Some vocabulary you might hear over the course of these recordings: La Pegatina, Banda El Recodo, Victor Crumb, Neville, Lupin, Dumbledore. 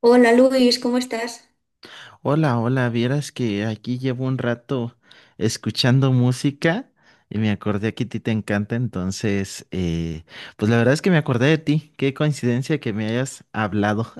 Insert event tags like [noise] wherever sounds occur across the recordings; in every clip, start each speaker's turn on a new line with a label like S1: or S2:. S1: Hola Luis, ¿cómo estás?
S2: Hola, hola, vieras que aquí llevo un rato escuchando música y me acordé que a ti te encanta. Entonces, pues la verdad es que me acordé de ti. Qué coincidencia que me hayas hablado.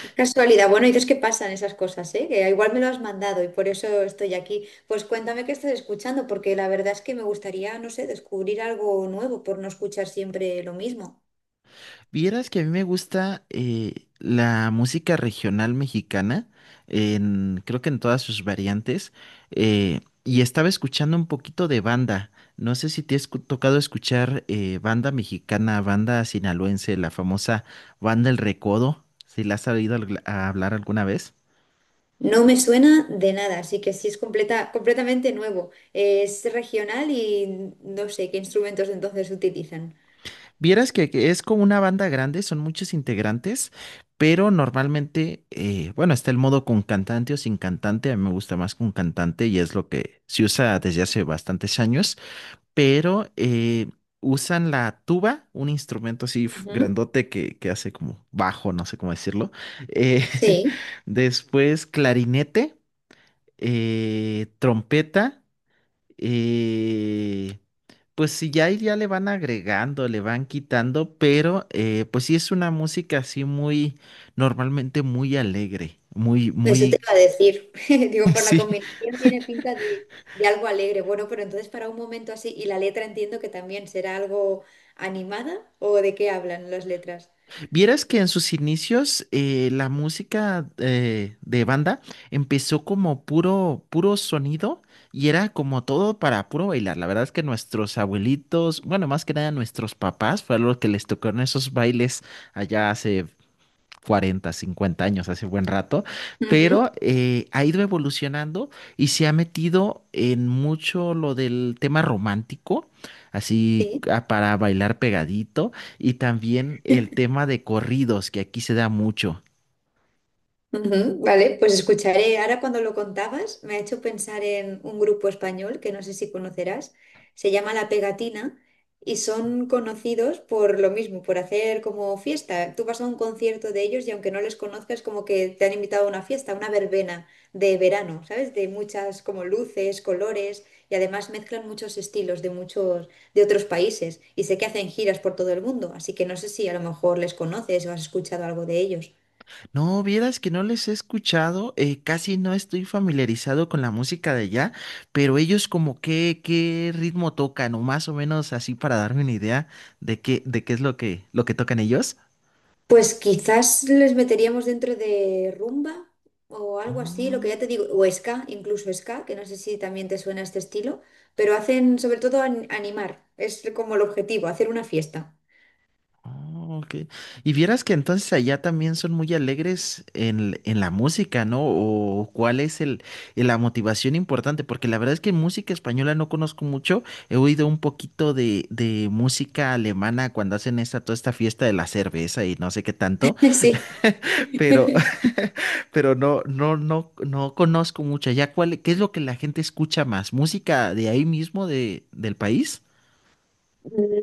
S1: Qué casualidad. Bueno, dices que pasan esas cosas, ¿eh? Que igual me lo has mandado y por eso estoy aquí. Pues cuéntame qué estás escuchando, porque la verdad es que me gustaría, no sé, descubrir algo nuevo por no escuchar siempre lo mismo.
S2: Vieras que a mí me gusta la música regional mexicana, creo que en todas sus variantes. Y estaba escuchando un poquito de banda. No sé si te has tocado escuchar banda mexicana, banda sinaloense, la famosa banda El Recodo, si la has oído a hablar alguna vez.
S1: No me suena de nada, así que sí es completamente nuevo. Es regional y no sé qué instrumentos entonces utilizan.
S2: Vieras que es como una banda grande, son muchos integrantes. Pero normalmente, bueno, está el modo con cantante o sin cantante. A mí me gusta más con cantante y es lo que se usa desde hace bastantes años. Pero usan la tuba, un instrumento así
S1: Ujú.
S2: grandote que hace como bajo, no sé cómo decirlo. eh,
S1: Sí.
S2: [laughs] Después clarinete, trompeta. Eh, pues sí, ya, ahí ya le van agregando, le van quitando. Pero pues sí es una música así muy, normalmente muy alegre, muy,
S1: Eso te
S2: muy,
S1: iba a decir. [laughs] Digo, por la
S2: [laughs] sí.
S1: combinación tiene pinta de, de algo alegre. Bueno, pero entonces para un momento así, y la letra entiendo que también será algo animada, ¿o de qué hablan las letras?
S2: Vieras que en sus inicios la música de banda empezó como puro, puro sonido y era como todo para puro bailar. La verdad es que nuestros abuelitos, bueno, más que nada nuestros papás, fue a los que les tocaron esos bailes allá hace 40, 50 años, hace buen rato.
S1: Ujú.
S2: Pero ha ido evolucionando y se ha metido en mucho lo del tema romántico, así
S1: Sí.
S2: para bailar pegadito. Y también el tema de corridos, que aquí se da mucho.
S1: Ujú. Vale, pues escucharé. Ahora cuando lo contabas, me ha hecho pensar en un grupo español que no sé si conocerás. Se llama La Pegatina y son conocidos por lo mismo, por hacer como fiesta. Tú vas a un concierto de ellos y aunque no les conozcas, como que te han invitado a una fiesta, una verbena de verano, ¿sabes? De muchas como luces, colores y además mezclan muchos estilos de muchos de otros países y sé que hacen giras por todo el mundo, así que no sé si a lo mejor les conoces o has escuchado algo de ellos.
S2: No, vieras que no les he escuchado, casi no estoy familiarizado con la música de allá. Pero ellos como que, ¿qué ritmo tocan, o más o menos así para darme una idea de qué es lo que tocan ellos?
S1: Pues quizás les meteríamos dentro de rumba o algo así, lo que
S2: Oh.
S1: ya te digo, o ska, incluso ska, que no sé si también te suena este estilo, pero hacen sobre todo animar, es como el objetivo, hacer una fiesta.
S2: Oh, ok. Y vieras que entonces allá también son muy alegres en la música, ¿no? ¿O cuál es el, la motivación importante? Porque la verdad es que música española no conozco mucho. He oído un poquito de música alemana cuando hacen esta, toda esta fiesta de la cerveza y no sé qué tanto.
S1: [laughs] Sí.
S2: Pero, [laughs] pero no, no, no, no conozco mucho. ¿Allá cuál, qué es lo que la gente escucha más? ¿Música de ahí mismo, de, del país?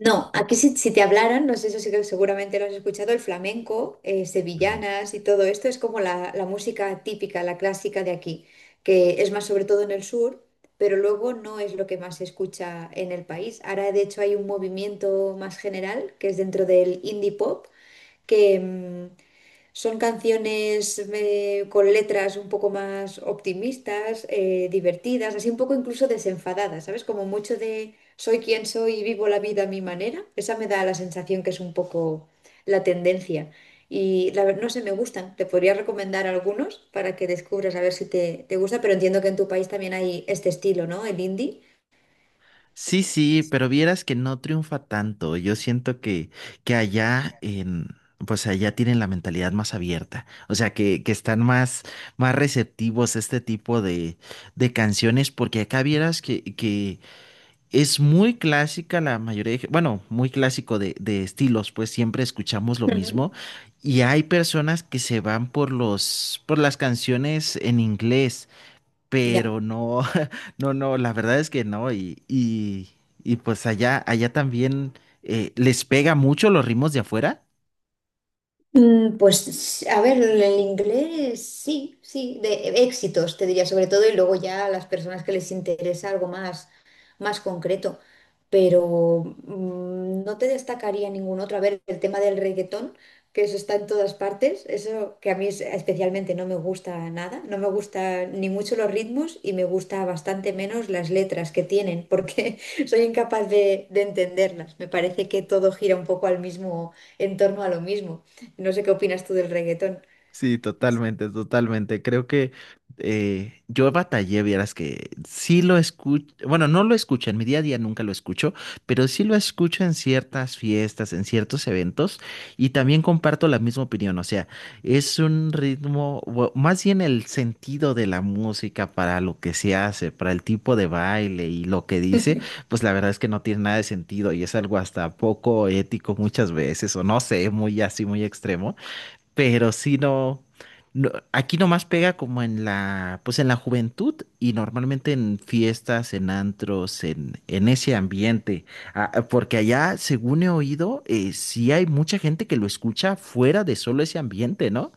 S1: No, aquí si te hablaran, no sé, eso sí que seguramente lo has escuchado, el flamenco,
S2: Mm.
S1: sevillanas y todo esto es como la música típica, la clásica de aquí, que es más sobre todo en el sur, pero luego no es lo que más se escucha en el país. Ahora, de hecho, hay un movimiento más general que es dentro del indie pop, que, mm, son canciones con letras un poco más optimistas, divertidas, así un poco incluso desenfadadas, ¿sabes? Como mucho de soy quien soy y vivo la vida a mi manera. Esa me da la sensación que es un poco la tendencia. Y no sé, me gustan. Te podría recomendar algunos para que descubras a ver si te gusta, pero entiendo que en tu país también hay este estilo, ¿no? El indie.
S2: Sí, sí, pero vieras que no triunfa tanto. Yo siento que allá pues allá tienen la mentalidad más abierta. O sea, que están más, más receptivos a este tipo de canciones, porque acá vieras que es muy clásica la mayoría de, bueno, muy clásico de estilos, pues siempre escuchamos lo
S1: Ujú.
S2: mismo. Y hay personas que se van por los, por las canciones en inglés,
S1: Ya.
S2: pero no, [laughs] no, no, la verdad es que no. Y pues allá, allá también les pega mucho los ritmos de afuera.
S1: Mm, pues a ver, el inglés sí, sí, de éxitos te diría sobre todo y luego ya a las personas que les interesa algo más, más concreto, pero no te destacaría ningún otro. A ver, el tema del reggaetón, que eso está en todas partes, eso que a mí especialmente no me gusta nada, no me gusta ni mucho los ritmos y me gusta bastante menos las letras que tienen, porque [laughs] soy incapaz de entenderlas. Me parece que todo gira un poco al mismo, en torno a lo mismo. No sé qué opinas tú del reggaetón.
S2: Sí, totalmente, totalmente. Creo que yo batallé, vieras que sí lo escucho, bueno, no lo escucho, en mi día a día nunca lo escucho, pero sí lo escucho en ciertas fiestas, en ciertos eventos, y también comparto la misma opinión. O sea, es un ritmo, o más bien el sentido de la música para lo que se hace, para el tipo de baile y lo que dice, pues la verdad es que no tiene nada de sentido y es algo hasta poco ético muchas veces, o no sé, muy así, muy extremo. Pero si no, aquí nomás pega como en la, pues en la juventud y normalmente en fiestas, en antros, en ese ambiente. Ah, ah, porque allá, según he oído, sí hay mucha gente que lo escucha fuera de solo ese ambiente, ¿no?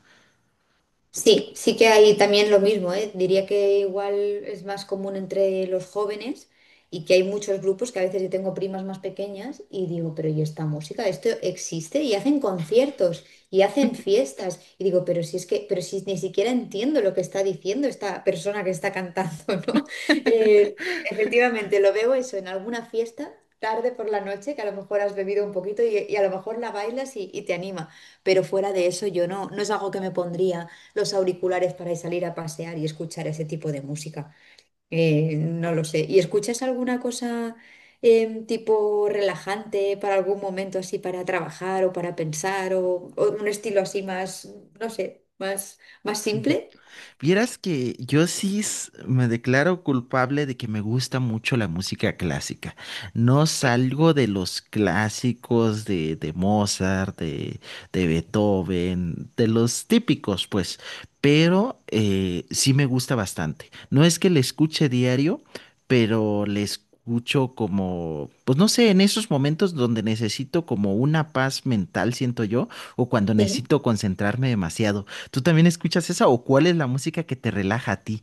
S1: Sí, sí que hay también lo mismo, ¿eh? Diría que igual es más común entre los jóvenes y que hay muchos grupos que a veces yo tengo primas más pequeñas y digo, pero ¿y esta música? Esto existe y hacen conciertos y hacen fiestas y digo, pero si es que, pero si ni siquiera entiendo lo que está diciendo esta persona que está cantando, [laughs] ¿no? Eh, Efectivamente, lo veo eso en alguna fiesta tarde por la noche, que a lo mejor has bebido un poquito y a lo mejor la bailas y te anima, pero fuera de eso yo no, no es algo que me pondría los auriculares para salir a pasear y escuchar ese tipo de música. No lo sé. ¿Y escuchas alguna cosa tipo relajante para algún momento así para trabajar o para pensar o un estilo así más, no sé, más, más simple?
S2: Vieras que yo sí me declaro culpable de que me gusta mucho la música clásica. No salgo de los clásicos de, Mozart, de, Beethoven, de los típicos, pues. Pero sí me gusta bastante. No es que le escuche diario, pero le escucho como, pues no sé, en esos momentos donde necesito como una paz mental, siento yo, o cuando
S1: Sí.
S2: necesito concentrarme demasiado. ¿Tú también escuchas esa o cuál es la música que te relaja a ti?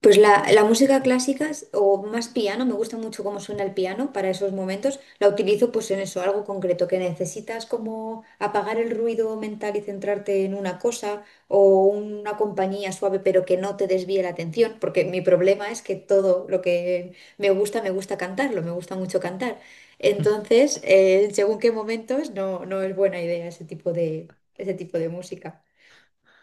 S1: Pues la música clásica o más piano, me gusta mucho cómo suena el piano para esos momentos. La utilizo pues en eso, algo concreto, que necesitas como apagar el ruido mental y centrarte en una cosa o una compañía suave pero que no te desvíe la atención, porque mi problema es que todo lo que me gusta cantarlo, me gusta mucho cantar.
S2: [laughs]
S1: Entonces, según qué momentos, no, no es buena idea ese tipo ese tipo de música.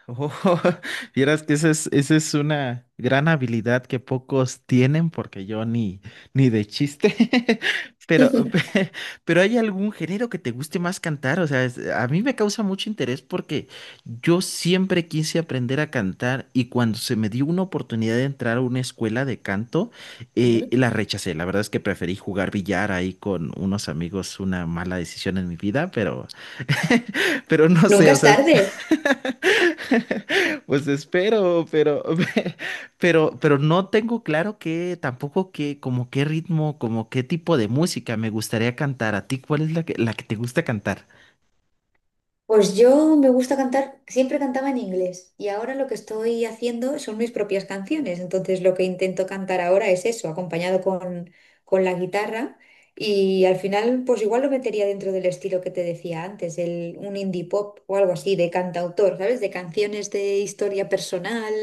S2: Oh, [laughs] vieras que esa es una gran habilidad que pocos tienen, porque yo ni de chiste. [laughs] Pero, pe- pero ¿hay algún género que te guste más cantar? O sea, es- a mí me causa mucho interés porque yo siempre quise aprender a cantar y cuando se me dio una oportunidad de entrar a una escuela de canto,
S1: Ujú.
S2: la rechacé. La verdad es que preferí jugar billar ahí con unos amigos, una mala decisión en mi vida. Pero no sé,
S1: Nunca
S2: o
S1: es
S2: sea,
S1: tarde.
S2: [laughs] pues espero, pero, [laughs] pero no tengo claro que tampoco que, como qué ritmo, como qué tipo de música me gustaría cantar. ¿A ti cuál es la que te gusta cantar?
S1: Pues yo me gusta cantar, siempre cantaba en inglés y ahora lo que estoy haciendo son mis propias canciones. Entonces lo que intento cantar ahora es eso, acompañado con la guitarra y al final pues igual lo metería dentro del estilo que te decía antes, el, un indie pop o algo así de cantautor, ¿sabes? De canciones de historia personal,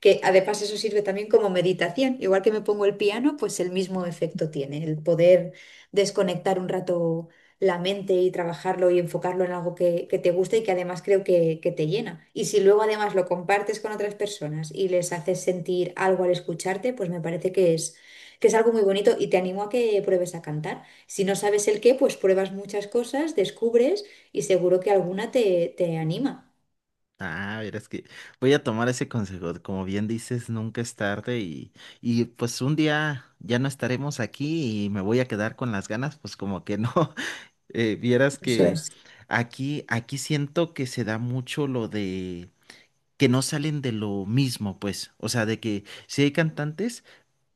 S1: que además eso sirve también como meditación. Igual que me pongo el piano, pues el mismo efecto tiene, el poder desconectar un rato la mente y trabajarlo y enfocarlo en algo que te gusta y que además creo que te llena. Y si luego además lo compartes con otras personas y les haces sentir algo al escucharte, pues me parece que es algo muy bonito y te animo a que pruebes a cantar. Si no sabes el qué, pues pruebas muchas cosas, descubres y seguro que alguna te anima.
S2: Ah, verás que voy a tomar ese consejo. Como bien dices, nunca es tarde. Y pues un día ya no estaremos aquí y me voy a quedar con las ganas, pues como que no. [laughs] Vieras
S1: Eso
S2: que
S1: es.
S2: aquí siento que se da mucho lo de que no salen de lo mismo, pues. O sea, de que sí hay cantantes,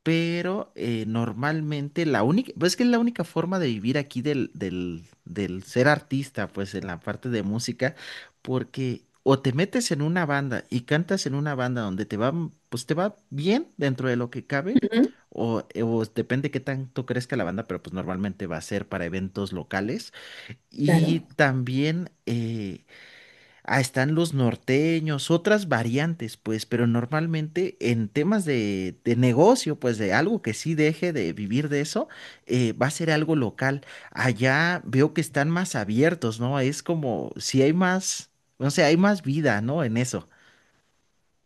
S2: pero normalmente la única, pues es que es la única forma de vivir aquí del ser artista, pues en la parte de música, porque o te metes en una banda y cantas en una banda donde te va, pues te va bien dentro de lo que cabe.
S1: Ujú.
S2: O depende qué tanto crezca la banda, pero pues normalmente va a ser para eventos locales. Y
S1: Claro.
S2: también están los norteños, otras variantes, pues, pero normalmente en temas de negocio, pues de algo que sí deje de vivir de eso, va a ser algo local. Allá veo que están más abiertos, ¿no? Es como si hay más, no sé, hay más vida, ¿no? En eso.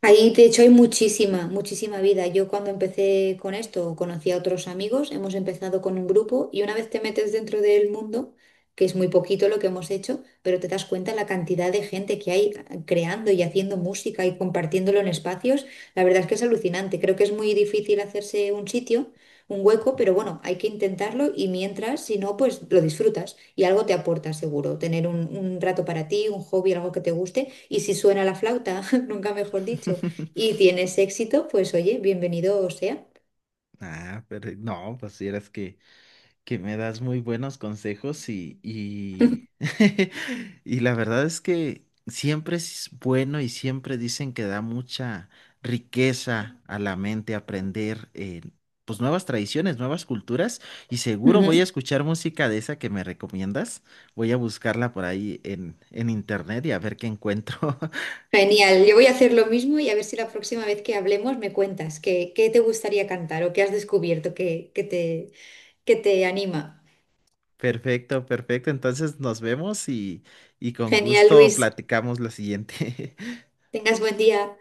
S1: Ahí, de hecho, hay muchísima, muchísima vida. Yo cuando empecé con esto, conocí a otros amigos, hemos empezado con un grupo y una vez te metes dentro del mundo, que es muy poquito lo que hemos hecho, pero te das cuenta la cantidad de gente que hay creando y haciendo música y compartiéndolo en espacios, la verdad es que es alucinante. Creo que es muy difícil hacerse un sitio, un hueco, pero bueno, hay que intentarlo y mientras, si no, pues lo disfrutas. Y algo te aporta seguro, tener un rato para ti, un hobby, algo que te guste. Y si suena la flauta, [laughs] nunca mejor dicho, y
S2: [laughs]
S1: tienes éxito, pues oye, bienvenido sea.
S2: Ah, pero no, pues si eres que me das muy buenos consejos y, [laughs] y la verdad es que siempre es bueno y siempre dicen que da mucha riqueza a la mente aprender pues nuevas tradiciones, nuevas culturas y seguro voy a
S1: Ujú.
S2: escuchar música de esa que me recomiendas. Voy a buscarla por ahí en internet y a ver qué encuentro. [laughs]
S1: Genial, yo voy a hacer lo mismo y a ver si la próxima vez que hablemos me cuentas qué, qué te gustaría cantar o qué has descubierto que te anima.
S2: Perfecto, perfecto. Entonces nos vemos y con
S1: Genial,
S2: gusto
S1: Luis,
S2: platicamos la siguiente. [laughs]
S1: tengas buen día.